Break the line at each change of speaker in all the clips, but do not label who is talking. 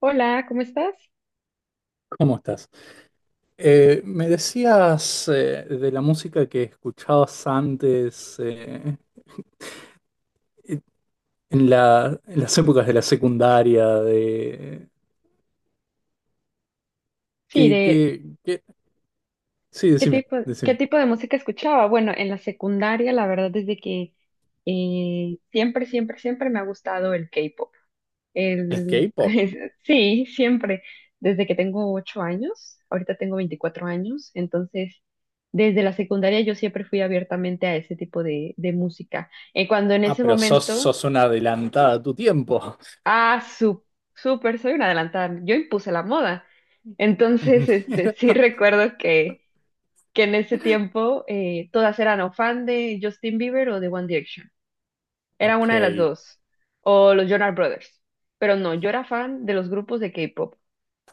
Hola, ¿cómo estás?
¿Cómo estás? Me decías de la música que escuchabas antes, eh, en en las épocas de la secundaria, de...
Sí, de
¿Qué? Sí,
qué
decime,
tipo, qué
decime.
tipo de música escuchaba. Bueno, en la secundaria, la verdad es de que siempre, siempre, siempre me ha gustado el K-pop.
¿El
El,
K-pop?
sí, siempre. Desde que tengo 8 años, ahorita tengo 24 años, entonces desde la secundaria yo siempre fui abiertamente a ese tipo de música. Cuando en
Ah,
ese
pero
momento,
sos una adelantada a tu tiempo.
ah, su- súper, soy una adelantada, yo impuse la moda. Entonces, este,
Mira.
sí recuerdo que en ese tiempo todas eran o fan de Justin Bieber o de One Direction. Era
Ok,
una de las dos, o los Jonas Brothers. Pero no, yo era fan de los grupos de K-pop.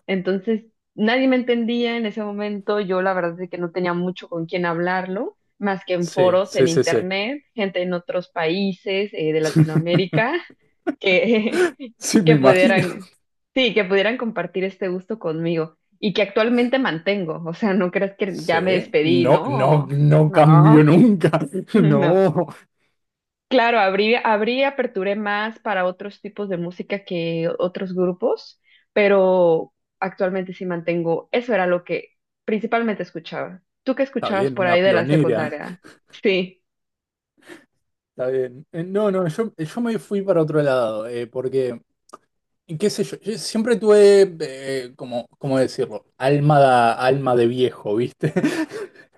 Entonces, nadie me entendía en ese momento. Yo la verdad es que no tenía mucho con quién hablarlo, más que en
sí,
foros,
sí,
en
sí, sí.
internet, gente en otros países de Latinoamérica que
Sí, me
que
imagino.
pudieran, sí, que pudieran compartir este gusto conmigo y que actualmente mantengo. O sea, no creas que
Sí,
ya me despedí,
no, no,
no,
no cambió
no,
nunca.
no.
No.
Claro, aperturé más para otros tipos de música que otros grupos, pero actualmente sí mantengo, eso era lo que principalmente escuchaba. ¿Tú qué
Está
escuchabas
bien,
por
una
ahí de la
pionera.
secundaria? Sí,
Está bien. No, no, yo me fui para otro lado, porque, y qué sé yo, yo siempre tuve, como, ¿cómo decirlo? Alma de viejo, ¿viste?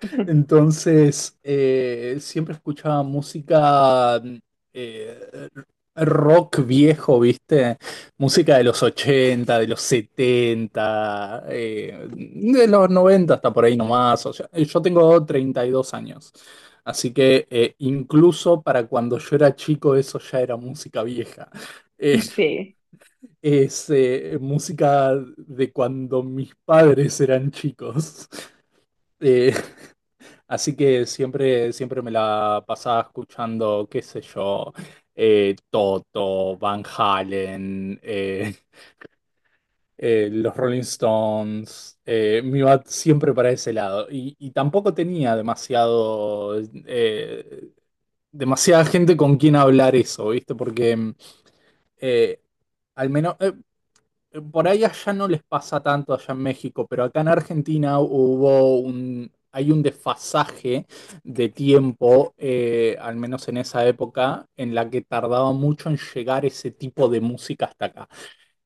Entonces, siempre escuchaba música eh, rock viejo, ¿viste? Música de los ochenta, de los setenta, de los 90 hasta por ahí nomás. O sea, yo tengo 32 años, así que incluso para cuando yo era chico eso ya era música vieja.
sí,
Es música de cuando mis padres eran chicos. Eh, Así que siempre, siempre me la pasaba escuchando, qué sé yo, Toto, Van Halen, los Rolling Stones. Me iba siempre para ese lado. Y tampoco tenía demasiado, eh, demasiada gente con quien hablar eso, ¿viste? Porque eh, al menos. Por ahí allá no les pasa tanto allá en México, pero acá en Argentina hay un desfasaje de tiempo, al menos en esa época, en la que tardaba mucho en llegar ese tipo de música hasta acá.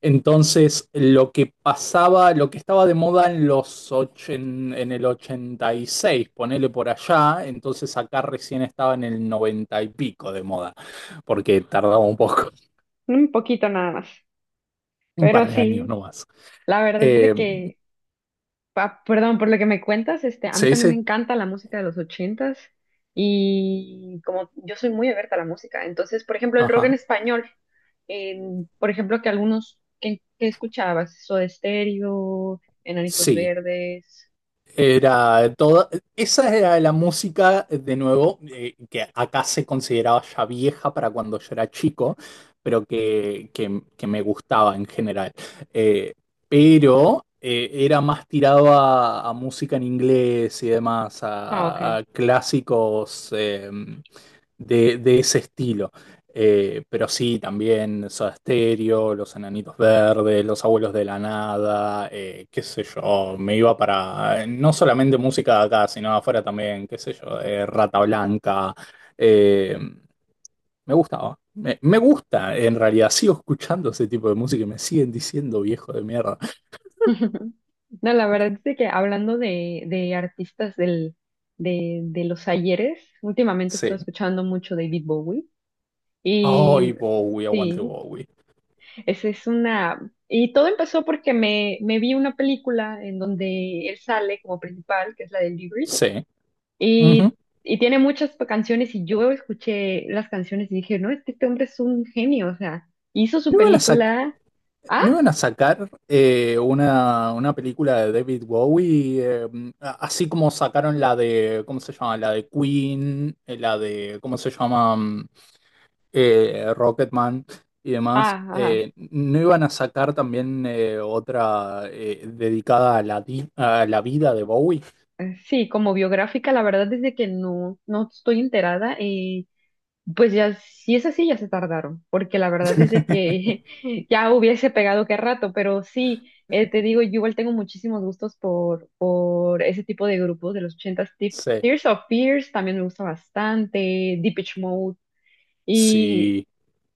Entonces, lo que pasaba, lo que estaba de moda en los och en el 86 ponele por allá, entonces acá recién estaba en el 90 y pico de moda, porque tardaba un poco,
un poquito nada más,
un
pero
par de años
sí,
nomás.
la verdad es de
Eh,
que. Perdón, por lo que me cuentas, este, a mí
Sí,
también me
sí,
encanta la música de los ochentas, y como yo soy muy abierta a la música, entonces, por ejemplo, el rock en
ajá,
español, por ejemplo, que algunos que escuchabas, Soda Stereo, Enanitos
sí,
Verdes.
era toda, esa era la música, de nuevo, que acá se consideraba ya vieja para cuando yo era chico, pero que me gustaba en general. Eh, pero era más tirado a música en inglés y demás,
Ah, ok.
a clásicos de ese estilo. Pero sí, también Soda Stereo, Los Enanitos Verdes, Los Abuelos de la Nada, qué sé yo, me iba para no solamente música de acá, sino afuera también, qué sé yo, Rata Blanca. eh, Me gustaba, me gusta, en realidad, sigo escuchando ese tipo de música y me siguen diciendo viejo de mierda.
Ujú. No, la verdad es de que hablando de artistas de los ayeres, últimamente he estado
Sí.
escuchando mucho David Bowie y
Ay, Bowie, aguante
sí.
Bowie.
Esa es una. Y todo empezó porque me vi una película en donde él sale como principal, que es la del Libri,
Sí. Ujú.
y, y tiene muchas canciones, y yo escuché las canciones y dije, no, es que este hombre es un genio, o sea, hizo su
No iban a sacar.
película. Ah,
¿No iban a sacar una película de David Bowie? Así como sacaron la de, ¿cómo se llama? La de Queen, la de, ¿cómo se llama? Rocketman y demás.
ah, ajá.
¿No iban a sacar también otra dedicada a a la vida de Bowie?
Sí, como biográfica, la verdad es de que no, no estoy enterada. Pues ya, si es así, ya se tardaron, porque la verdad es de que ya hubiese pegado qué rato, pero sí, te digo, yo igual tengo muchísimos gustos por ese tipo de grupos de los ochentas.
Sí,
Tears of Fears también me gusta bastante, Depeche Mode, y
sí.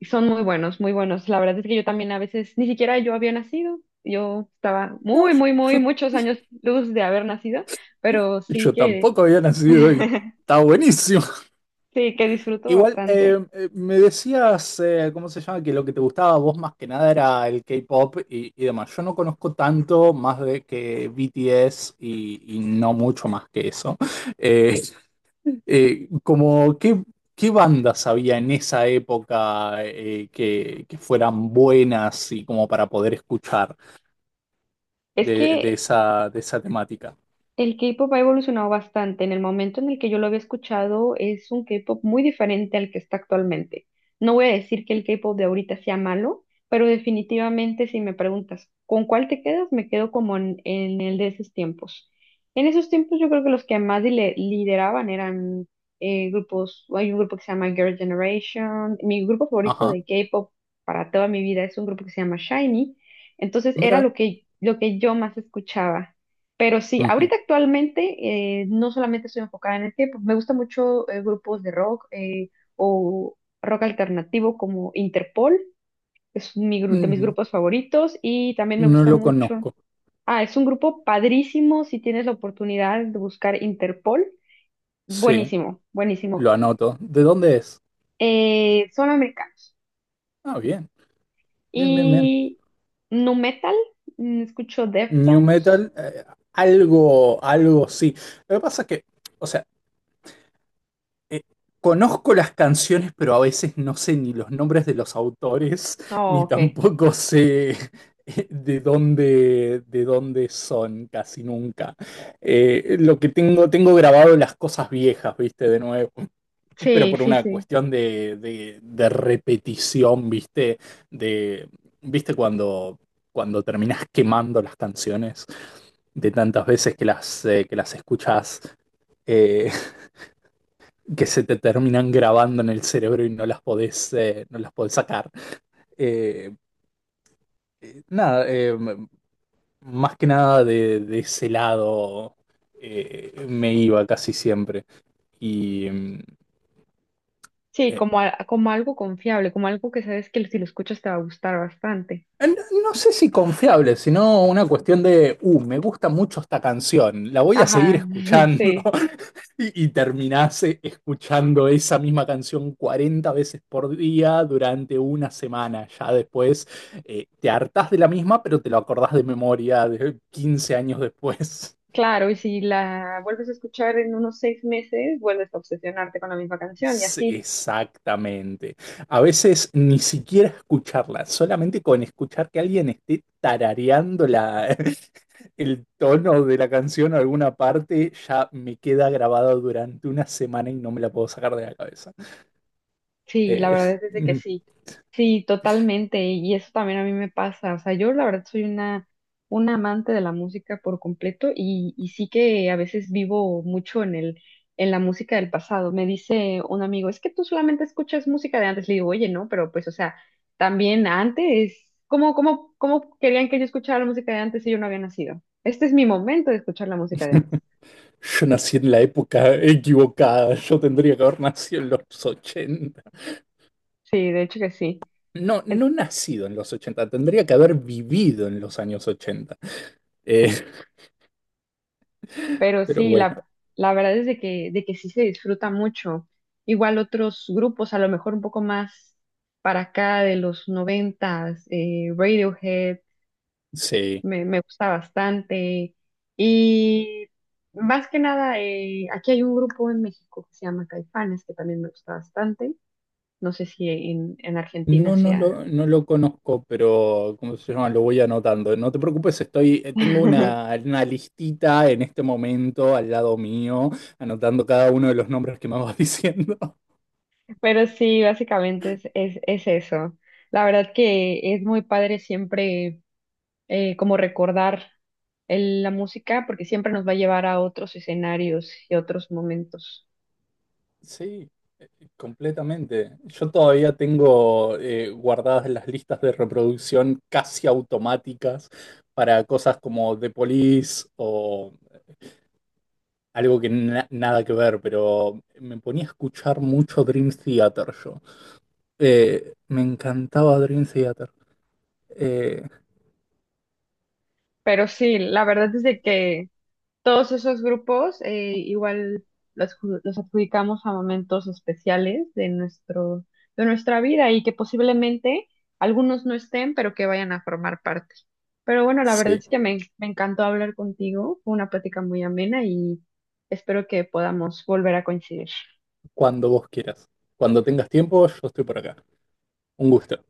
son muy buenos, muy buenos. La verdad es que yo también a veces, ni siquiera yo había nacido, yo estaba
No,
muy, muy, muy,
yo,
muchos años luz de haber nacido, pero sí
yo
que,
tampoco había nacido y está buenísimo.
sí que disfruto
Igual,
bastante.
me decías, ¿cómo se llama? Que lo que te gustaba a vos más que nada era el K-pop y demás. Yo no conozco tanto más de que BTS y no mucho más que eso. Eh, Como, ¿qué bandas había en esa época que fueran buenas y como para poder escuchar
Es que
de esa temática?
el K-pop ha evolucionado bastante. En el momento en el que yo lo había escuchado, es un K-pop muy diferente al que está actualmente. No voy a decir que el K-pop de ahorita sea malo, pero definitivamente si me preguntas con cuál te quedas, me quedo como en el de esos tiempos. En esos tiempos yo creo que los que más lideraban eran grupos, hay un grupo que se llama Girl Generation. Mi grupo favorito
Ajá,
de K-pop para toda mi vida es un grupo que se llama SHINee. Entonces era
mira.
lo que yo más escuchaba. Pero sí,
Ujú.
ahorita actualmente no solamente estoy enfocada en el K-pop, me gusta mucho grupos de rock o rock alternativo como Interpol, es mi de mis
Mm,
grupos favoritos y también me
no
gusta
lo
mucho.
conozco.
Ah, es un grupo padrísimo si tienes la oportunidad de buscar Interpol.
Sí,
Buenísimo, buenísimo.
lo anoto. ¿De dónde es?
Son americanos.
Ah, bien, bien, bien, bien.
Y nu metal, escucho
New
Deftones.
Metal, algo, algo sí. Lo que pasa es que, o sea, eh, conozco las canciones, pero a veces no sé ni los nombres de los autores,
Oh,
ni
ok.
tampoco sé de dónde son, casi nunca. Lo que tengo, tengo grabado las cosas viejas, viste, de nuevo. Pero
Sí,
por
sí,
una
sí.
cuestión de repetición, ¿viste? De, ¿viste cuando, cuando terminás quemando las canciones de tantas veces que las escuchás, eh, que se te terminan grabando en el cerebro y no las podés, no las podés sacar? Eh, Nada, más que nada de, de ese lado me iba casi siempre. Y
Sí,
eh,
como, como algo confiable, como algo que sabes que si lo escuchas te va a gustar bastante.
no, no sé si confiable, sino una cuestión de, me gusta mucho esta canción, la voy a seguir
Ajá,
escuchando.
sí,
Y, y terminás escuchando esa misma canción 40 veces por día durante una semana. Ya después te hartás de la misma, pero te lo acordás de memoria de 15 años después.
claro, y si la vuelves a escuchar en unos 6 meses, vuelves a obsesionarte con la misma canción y
Sí,
así.
exactamente. A veces ni siquiera escucharla, solamente con escuchar que alguien esté tarareando la, el tono de la canción o alguna parte, ya me queda grabado durante una semana y no me la puedo sacar de la cabeza.
Sí, la
Eh,
verdad es de que sí. Sí, totalmente. Y eso también a mí me pasa. O sea, yo la verdad soy una amante de la música por completo y sí que a veces vivo mucho en el, en la música del pasado. Me dice un amigo, es que tú solamente escuchas música de antes. Le digo, oye, no, pero pues, o sea, también antes, ¿cómo querían que yo escuchara la música de antes si yo no había nacido? Este es mi momento de escuchar la música de antes.
yo nací en la época equivocada, yo tendría que haber nacido en los ochenta.
Sí, de hecho que sí.
No, no nacido en los ochenta, tendría que haber vivido en los años ochenta. Eh,
Pero
pero
sí,
bueno,
la verdad es de que sí se disfruta mucho. Igual otros grupos, a lo mejor un poco más para acá de los noventas, Radiohead,
sí.
me gusta bastante. Y más que nada, aquí hay un grupo en México que se llama Caifanes, que también me gusta bastante. No sé si en, en Argentina
No, no
sea.
lo, no lo conozco, pero ¿cómo se llama? Lo voy anotando. No te preocupes, estoy, tengo una listita en este momento al lado mío, anotando cada uno de los nombres que me vas diciendo.
Pero sí, básicamente es eso. La verdad que es muy padre siempre como recordar la música, porque siempre nos va a llevar a otros escenarios y otros momentos.
Sí, eh, completamente. Yo todavía tengo guardadas las listas de reproducción casi automáticas para cosas como The Police o algo que nada que ver, pero me ponía a escuchar mucho Dream Theater yo. Me encantaba Dream Theater. Eh,
Pero sí, la verdad es de que todos esos grupos igual los adjudicamos a momentos especiales de nuestro, de nuestra vida y que posiblemente algunos no estén, pero que vayan a formar parte. Pero bueno, la verdad
sí,
es que me encantó hablar contigo, fue una plática muy amena y espero que podamos volver a coincidir.
cuando vos quieras. Cuando tengas tiempo, yo estoy por acá. Un gusto.